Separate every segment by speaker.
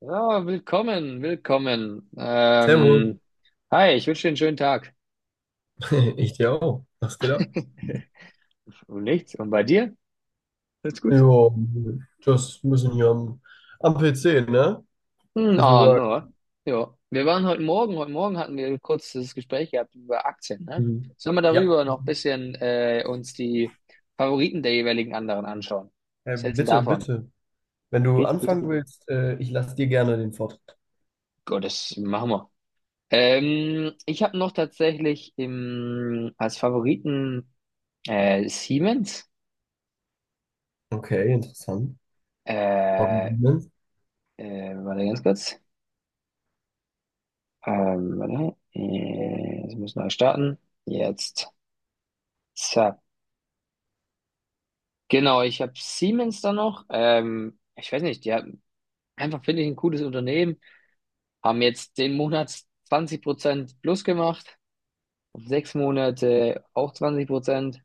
Speaker 1: Ja, willkommen, willkommen.
Speaker 2: Servus,
Speaker 1: Hi, ich wünsche dir einen schönen Tag.
Speaker 2: ich dir auch. Was geht ab?
Speaker 1: Und nichts. Und bei dir? Alles gut?
Speaker 2: Ja, just ein bisschen hier am PC, ne?
Speaker 1: Hm,
Speaker 2: Bisschen
Speaker 1: ah,
Speaker 2: Work.
Speaker 1: no. Ja, wir waren heute Morgen hatten wir ein kurzes Gespräch gehabt über Aktien, ne?
Speaker 2: Mhm.
Speaker 1: Sollen wir
Speaker 2: Ja,
Speaker 1: darüber noch ein bisschen uns die Favoriten der jeweiligen anderen anschauen? Was hältst du denn
Speaker 2: Bitte,
Speaker 1: davon?
Speaker 2: bitte. Wenn du
Speaker 1: Bitte, bitte,
Speaker 2: anfangen
Speaker 1: bitte.
Speaker 2: willst, ich lasse dir gerne den Vortritt.
Speaker 1: Gott, das machen wir. Ich habe noch tatsächlich als Favoriten Siemens.
Speaker 2: Okay, interessant. Warum
Speaker 1: Äh,
Speaker 2: Siemens?
Speaker 1: Warte ganz kurz. Warte. Es muss neu starten. Jetzt. Zack. Genau, ich habe Siemens da noch. Ich weiß nicht, die haben einfach, finde ich, ein cooles Unternehmen. Haben jetzt den Monat 20% plus gemacht. Auf 6 Monate auch 20%.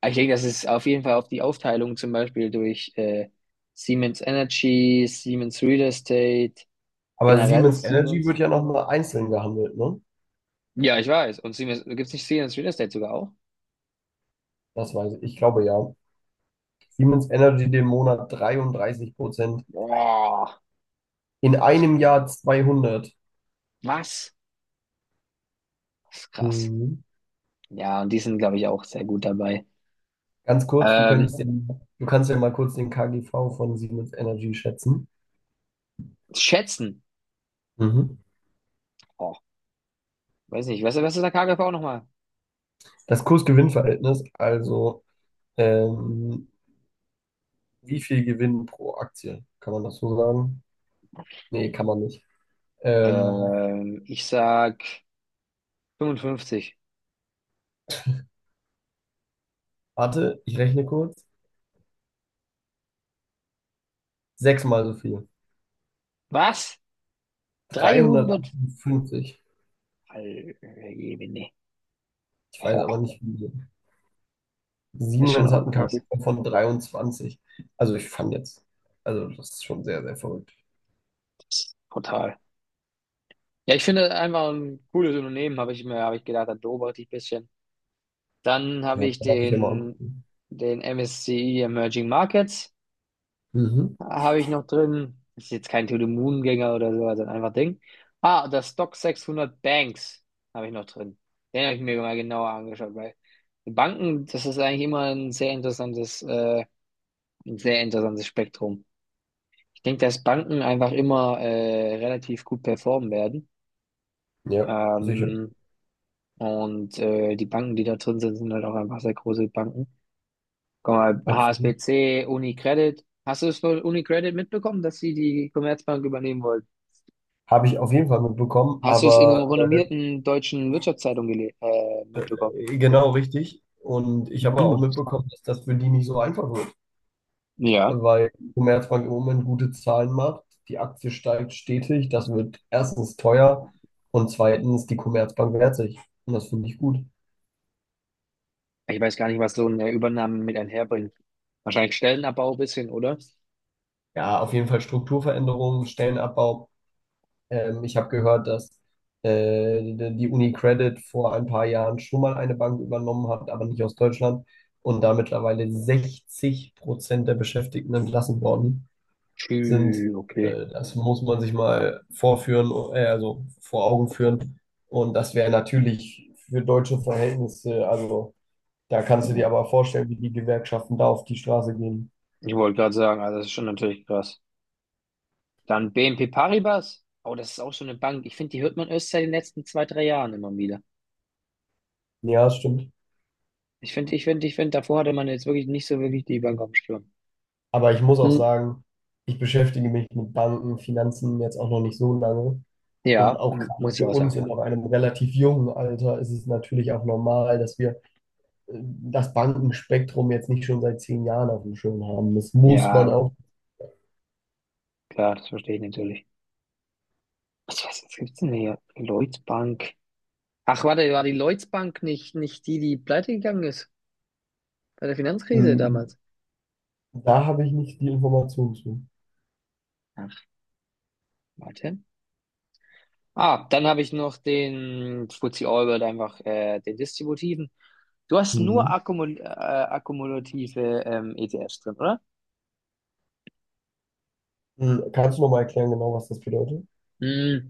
Speaker 1: Aber ich denke, das ist auf jeden Fall auf die Aufteilung zum Beispiel durch Siemens Energy, Siemens Real Estate,
Speaker 2: Aber
Speaker 1: generell
Speaker 2: Siemens Energy
Speaker 1: Siemens.
Speaker 2: wird ja nochmal einzeln gehandelt, ne?
Speaker 1: Ja, ich weiß. Und Siemens, gibt es nicht Siemens Real Estate sogar auch?
Speaker 2: Das weiß ich. Ich glaube ja. Siemens Energy den Monat 33%.
Speaker 1: Boah.
Speaker 2: In
Speaker 1: Das
Speaker 2: einem
Speaker 1: kann.
Speaker 2: Jahr 200.
Speaker 1: Was? Das ist krass.
Speaker 2: Mhm.
Speaker 1: Ja, und die sind, glaube ich, auch sehr gut dabei.
Speaker 2: Ganz kurz, du
Speaker 1: Ähm,
Speaker 2: könntest den, du kannst ja mal kurz den KGV von Siemens Energy schätzen.
Speaker 1: Schätzen.
Speaker 2: Mhm.
Speaker 1: Oh, weiß nicht. Was ist der KGV nochmal?
Speaker 2: Das Kursgewinnverhältnis, also ähm, wie viel Gewinn pro Aktie? Kann man das so sagen? Nee, kann man nicht. Ähm,
Speaker 1: Ich sag 55.
Speaker 2: warte, ich rechne kurz. Sechsmal so viel.
Speaker 1: Was? 300?
Speaker 2: 358.
Speaker 1: Alter.
Speaker 2: Ich weiß aber
Speaker 1: Oh,
Speaker 2: nicht, wie viel.
Speaker 1: das ist schon
Speaker 2: Siemens hat
Speaker 1: auch
Speaker 2: einen
Speaker 1: krass.
Speaker 2: KGV von 23. Also ich fand jetzt, also das ist schon sehr, sehr verrückt.
Speaker 1: Das ist brutal. Ja, ich finde einfach ein cooles Unternehmen, habe ich gedacht, da beobachte ich ein bisschen. Dann habe
Speaker 2: Ja,
Speaker 1: ich
Speaker 2: kann man sich ja mal
Speaker 1: den,
Speaker 2: angucken.
Speaker 1: den MSCI Emerging Markets.
Speaker 2: Mhm.
Speaker 1: Habe ich noch drin. Das ist jetzt kein To the Moon Gänger oder so, also einfach Ding. Ah, das Stock 600 Banks habe ich noch drin. Den habe ich mir mal genauer angeschaut, weil die Banken, das ist eigentlich immer ein sehr interessantes Spektrum. Ich denke, dass Banken einfach immer relativ gut performen werden.
Speaker 2: Ja, sicher.
Speaker 1: Ähm, und die Banken, die da drin sind, sind halt auch einfach sehr große Banken. Guck mal,
Speaker 2: Absolut.
Speaker 1: HSBC, UniCredit. Hast du es von UniCredit mitbekommen, dass sie die Commerzbank übernehmen wollten?
Speaker 2: Habe ich auf jeden Fall mitbekommen,
Speaker 1: Hast du es in einem
Speaker 2: aber
Speaker 1: renommierten deutschen Wirtschaftszeitung gele mitbekommen?
Speaker 2: genau richtig. Und ich habe auch
Speaker 1: Hm.
Speaker 2: mitbekommen, dass das für die nicht so einfach wird,
Speaker 1: Ja.
Speaker 2: weil die Commerzbank im Moment gute Zahlen macht, die Aktie steigt stetig, das wird erstens teuer und zweitens die Commerzbank wehrt sich. Und das finde ich gut.
Speaker 1: Ich weiß gar nicht, was so eine Übernahme mit einherbringt. Wahrscheinlich Stellenabbau ein bisschen, oder?
Speaker 2: Ja, auf jeden Fall Strukturveränderungen, Stellenabbau. Ich habe gehört, dass die UniCredit vor ein paar Jahren schon mal eine Bank übernommen hat, aber nicht aus Deutschland. Und da mittlerweile 60% der Beschäftigten entlassen worden sind.
Speaker 1: Tschü, okay.
Speaker 2: Das muss man sich mal vorführen, also vor Augen führen. Und das wäre natürlich für deutsche Verhältnisse, also da kannst du dir
Speaker 1: Ja.
Speaker 2: aber vorstellen, wie die Gewerkschaften da auf die Straße gehen.
Speaker 1: Ich wollte gerade sagen, also das ist schon natürlich krass. Dann BNP Paribas. Oh, das ist auch so eine Bank. Ich finde, die hört man erst seit den letzten 2, 3 Jahren immer wieder.
Speaker 2: Ja, das stimmt.
Speaker 1: Ich finde, davor hatte man jetzt wirklich nicht so wirklich die Bank auf dem Schirm.
Speaker 2: Aber ich muss auch
Speaker 1: Hm.
Speaker 2: sagen, ich beschäftige mich mit Banken, Finanzen jetzt auch noch nicht so lange. Und
Speaker 1: Ja,
Speaker 2: auch gerade
Speaker 1: muss ich
Speaker 2: für
Speaker 1: auch sagen,
Speaker 2: uns in
Speaker 1: ja.
Speaker 2: noch einem relativ jungen Alter ist es natürlich auch normal, dass wir das Bankenspektrum jetzt nicht schon seit 10 Jahren auf dem Schirm haben. Das muss man
Speaker 1: Ja,
Speaker 2: auch.
Speaker 1: klar, das verstehe ich natürlich. Was gibt's denn hier? Lloyds Bank. Ach, warte, war die Lloyds Bank nicht die, die pleite gegangen ist bei der Finanzkrise
Speaker 2: Mhm.
Speaker 1: damals?
Speaker 2: Da habe ich nicht die Information zu.
Speaker 1: Ach, warte. Ah, dann habe ich noch den FTSE All-World einfach, den distributiven. Du hast nur
Speaker 2: Mhm.
Speaker 1: Akkumulative ETFs drin, oder?
Speaker 2: Mhm. Kannst du nochmal erklären, genau, was das bedeutet?
Speaker 1: Hm.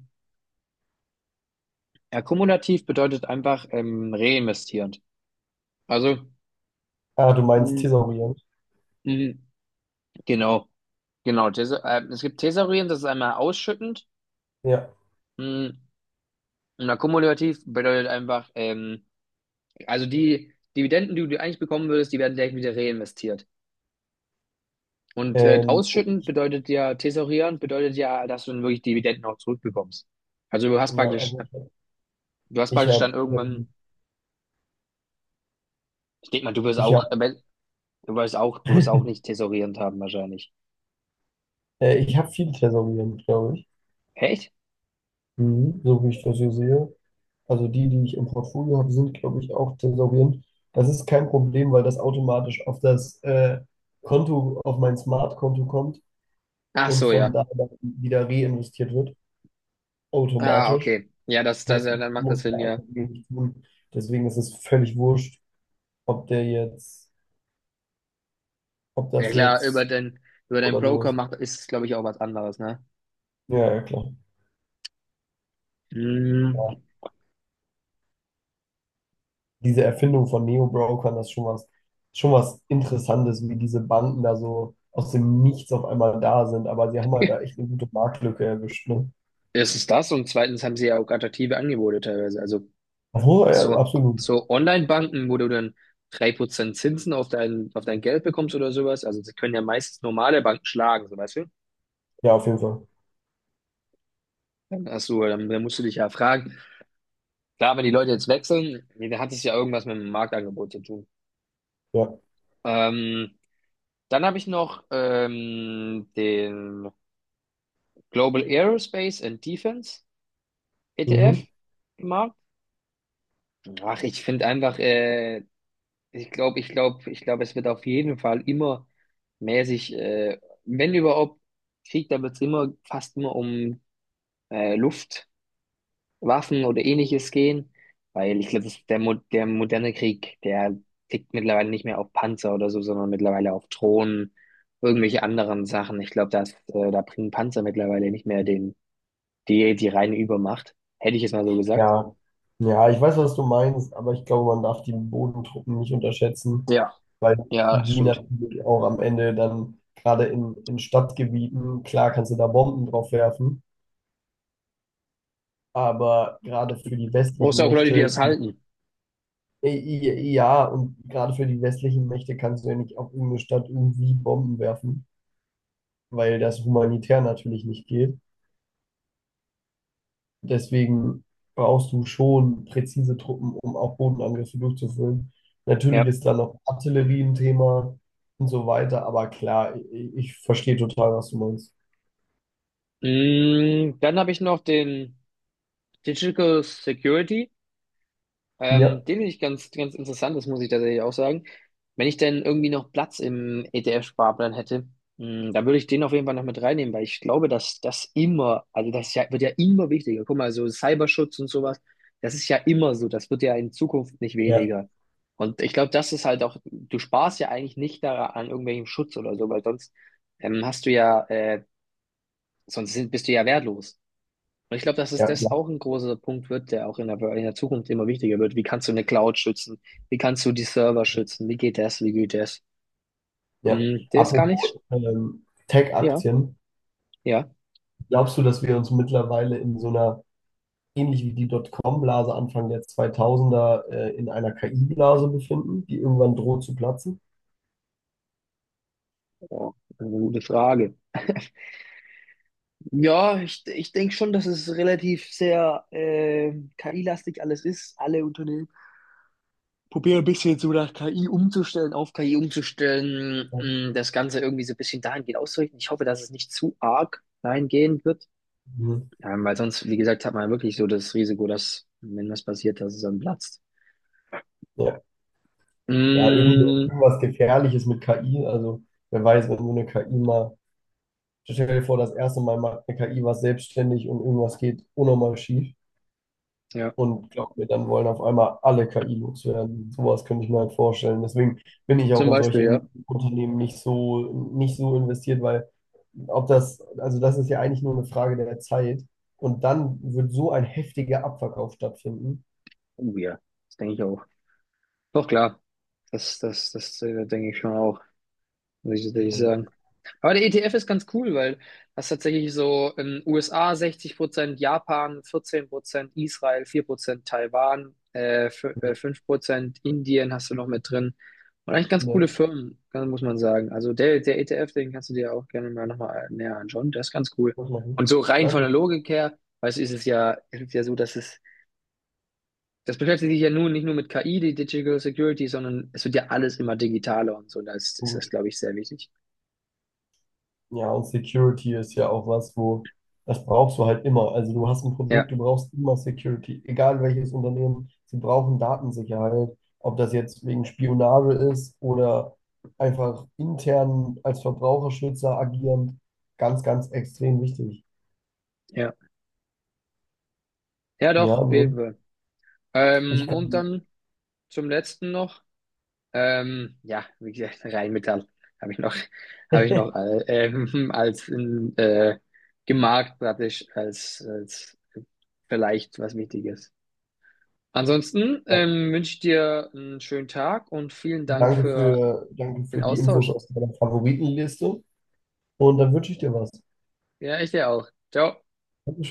Speaker 1: Akkumulativ bedeutet einfach reinvestierend. Also,
Speaker 2: Ah, du meinst
Speaker 1: hm,
Speaker 2: thesaurieren.
Speaker 1: hm, genau, genau. Es gibt thesaurierend, das ist einmal ausschüttend.
Speaker 2: Ja.
Speaker 1: Hm. Und akkumulativ bedeutet einfach, also die Dividenden, die du eigentlich bekommen würdest, die werden direkt wieder reinvestiert. Und
Speaker 2: Ähm,
Speaker 1: ausschütten bedeutet ja, thesaurieren bedeutet ja, dass du dann wirklich Dividenden auch zurückbekommst. Also
Speaker 2: ja, also
Speaker 1: du hast
Speaker 2: ich
Speaker 1: praktisch dann
Speaker 2: habe
Speaker 1: irgendwann, ich denke mal,
Speaker 2: ich hab,
Speaker 1: du wirst auch nicht thesaurierend haben wahrscheinlich.
Speaker 2: ich hab viel thesaurieren, glaube ich.
Speaker 1: Echt?
Speaker 2: Mhm. So wie ich das hier sehe. Also die, die ich im Portfolio habe, sind, glaube ich, auch thesaurierend. Das ist kein Problem, weil das automatisch auf das Konto, auf mein Smart-Konto kommt
Speaker 1: Ach
Speaker 2: und
Speaker 1: so,
Speaker 2: von
Speaker 1: ja.
Speaker 2: da dann wieder reinvestiert wird,
Speaker 1: Ah,
Speaker 2: automatisch.
Speaker 1: okay. Ja, das,
Speaker 2: Das
Speaker 1: das,
Speaker 2: heißt,
Speaker 1: ja, dann
Speaker 2: ich
Speaker 1: macht das
Speaker 2: muss da
Speaker 1: Sinn,
Speaker 2: einfach
Speaker 1: ja.
Speaker 2: wenig tun. Deswegen ist es völlig wurscht, ob der jetzt, ob
Speaker 1: Ja
Speaker 2: das
Speaker 1: klar,
Speaker 2: jetzt
Speaker 1: über den
Speaker 2: oder so
Speaker 1: Broker
Speaker 2: ist.
Speaker 1: macht, ist es, glaube ich, auch was anderes, ne?
Speaker 2: Ja, ja, klar.
Speaker 1: Hm.
Speaker 2: Diese Erfindung von Neo-Brokern, das ist schon was Interessantes, wie diese Banden da so aus dem Nichts auf einmal da sind. Aber sie haben halt da echt eine gute Marktlücke erwischt. Ne?
Speaker 1: Erstens das und zweitens haben sie ja auch attraktive Angebote teilweise. Also,
Speaker 2: Obwohl, ja,
Speaker 1: So,
Speaker 2: absolut.
Speaker 1: so Online-Banken, wo du dann 3% Zinsen auf dein Geld bekommst oder sowas. Also sie können ja meistens normale Banken schlagen, so weißt du?
Speaker 2: Ja, auf jeden Fall.
Speaker 1: Dann hast du, dann musst du dich ja fragen. Klar, wenn die Leute jetzt wechseln, nee, dann hat es ja irgendwas mit dem Marktangebot zu tun.
Speaker 2: Ja.
Speaker 1: Ähm, Dann habe ich noch den Global Aerospace and Defense ETF
Speaker 2: Mhm.
Speaker 1: im Markt. Ach, Ich glaube, es wird auf jeden Fall immer mäßig, wenn überhaupt Krieg, dann wird es immer fast immer um Luftwaffen oder ähnliches gehen, weil ich glaube, das ist der moderne Krieg, der tickt mittlerweile nicht mehr auf Panzer oder so, sondern mittlerweile auf Drohnen, irgendwelche anderen Sachen. Ich glaube, dass da bringen Panzer mittlerweile nicht mehr die reine Übermacht. Hätte ich jetzt mal so gesagt.
Speaker 2: Ja. Ja, ich weiß, was du meinst, aber ich glaube, man darf die Bodentruppen nicht unterschätzen,
Speaker 1: Ja,
Speaker 2: weil
Speaker 1: ja,
Speaker 2: die
Speaker 1: stimmt.
Speaker 2: natürlich auch am Ende dann gerade in Stadtgebieten, klar kannst du da Bomben drauf werfen, aber gerade für die
Speaker 1: Brauchst
Speaker 2: westlichen
Speaker 1: du auch Leute, die
Speaker 2: Mächte.
Speaker 1: das halten.
Speaker 2: Ja, und gerade für die westlichen Mächte kannst du ja nicht auf irgendeine Stadt irgendwie Bomben werfen, weil das humanitär natürlich nicht geht. Deswegen brauchst du schon präzise Truppen, um auch Bodenangriffe durchzuführen. Natürlich
Speaker 1: Ja.
Speaker 2: ist da noch Artillerie ein Thema und so weiter, aber klar, ich verstehe total, was du meinst.
Speaker 1: Dann habe ich noch den Digital Security.
Speaker 2: Ja,
Speaker 1: Den finde ich ganz, ganz interessant, das muss ich tatsächlich auch sagen. Wenn ich denn irgendwie noch Platz im ETF-Sparplan hätte, dann würde ich den auf jeden Fall noch mit reinnehmen, weil ich glaube, dass das immer, also das ist ja, wird ja immer wichtiger. Guck mal, so Cyberschutz und sowas, das ist ja immer so, das wird ja in Zukunft nicht
Speaker 2: ja.
Speaker 1: weniger. Und ich glaube, das ist halt auch, du sparst ja eigentlich nicht daran an irgendwelchem Schutz oder so, weil sonst hast du ja, sonst bist du ja wertlos. Und ich glaube, dass es
Speaker 2: Ja, ja,
Speaker 1: das auch ein großer Punkt wird, der auch in der Zukunft immer wichtiger wird. Wie kannst du eine Cloud schützen? Wie kannst du die Server schützen? Wie geht das? Wie geht das?
Speaker 2: ja.
Speaker 1: Der ist gar nicht.
Speaker 2: Apropos
Speaker 1: Ja,
Speaker 2: Tech-Aktien,
Speaker 1: ja.
Speaker 2: glaubst du, dass wir uns mittlerweile in so einer ähnlich wie die Dotcom-Blase Anfang der 2000er in einer KI-Blase befinden, die irgendwann droht zu platzen?
Speaker 1: Oh, eine gute Frage. Ja, ich denke schon, dass es relativ sehr KI-lastig alles ist. Alle Unternehmen probieren ein bisschen so nach KI umzustellen, auf KI umzustellen,
Speaker 2: Ja,
Speaker 1: das Ganze irgendwie so ein bisschen dahingehend auszurichten. Ich hoffe, dass es nicht zu arg dahingehend wird.
Speaker 2: mhm.
Speaker 1: Weil sonst, wie gesagt, hat man ja wirklich so das Risiko, dass, wenn was passiert, dass es dann platzt.
Speaker 2: Ja.
Speaker 1: Mm,
Speaker 2: Irgendwas Gefährliches mit KI. Also wer weiß, wenn so eine KI mal, stell dir vor, das erste Mal macht eine KI was selbstständig und irgendwas geht unnormal schief.
Speaker 1: ja,
Speaker 2: Und glaub mir, dann wollen auf einmal alle KI loswerden. Sowas könnte ich mir halt vorstellen. Deswegen bin ich auch
Speaker 1: zum
Speaker 2: in
Speaker 1: Beispiel,
Speaker 2: solche
Speaker 1: ja.
Speaker 2: Unternehmen nicht so investiert, weil ob das, also das ist ja eigentlich nur eine Frage der Zeit. Und dann wird so ein heftiger Abverkauf stattfinden.
Speaker 1: Oh ja, das denke ich auch. Doch klar, das, denke ich schon auch, muss ich
Speaker 2: Ja.
Speaker 1: sagen. Aber der ETF ist ganz cool, weil das tatsächlich so in USA 60%, Japan 14%, Israel 4%, Taiwan
Speaker 2: So,
Speaker 1: 5%, Indien hast du noch mit drin. Und eigentlich ganz coole
Speaker 2: nett.
Speaker 1: Firmen, muss man sagen. Also der ETF, den kannst du dir auch gerne mal nochmal näher anschauen. Der ist ganz cool.
Speaker 2: Das mache ich.
Speaker 1: Und so rein von der
Speaker 2: Danke.
Speaker 1: Logik her, weißt du, ist es ja so, das beschäftigt sich ja nun nicht nur mit KI, die Digital Security, sondern es wird ja alles immer digitaler und so. Da ist
Speaker 2: Cool.
Speaker 1: das, glaube ich, sehr wichtig.
Speaker 2: Ja, und Security ist ja auch was, wo das brauchst du halt immer. Also du hast ein Produkt,
Speaker 1: Ja,
Speaker 2: du brauchst immer Security, egal welches Unternehmen, sie brauchen Datensicherheit, ob das jetzt wegen Spionage ist oder einfach intern als Verbraucherschützer agierend, ganz, ganz extrem wichtig.
Speaker 1: ja. Ja,
Speaker 2: Ja,
Speaker 1: doch, auf jeden
Speaker 2: nee,
Speaker 1: Fall.
Speaker 2: ich
Speaker 1: Und
Speaker 2: kann.
Speaker 1: dann zum letzten noch, ja, wie gesagt, Rheinmetall habe ich noch, habe ich noch als äh, gemarkt praktisch als vielleicht was Wichtiges. Ansonsten
Speaker 2: Ja,
Speaker 1: wünsche ich dir einen schönen Tag und vielen Dank
Speaker 2: danke
Speaker 1: für
Speaker 2: für, danke für
Speaker 1: den
Speaker 2: die Infos
Speaker 1: Austausch.
Speaker 2: aus deiner Favoritenliste und dann wünsche ich dir was.
Speaker 1: Ja, ich dir auch. Ciao.
Speaker 2: Dankeschön.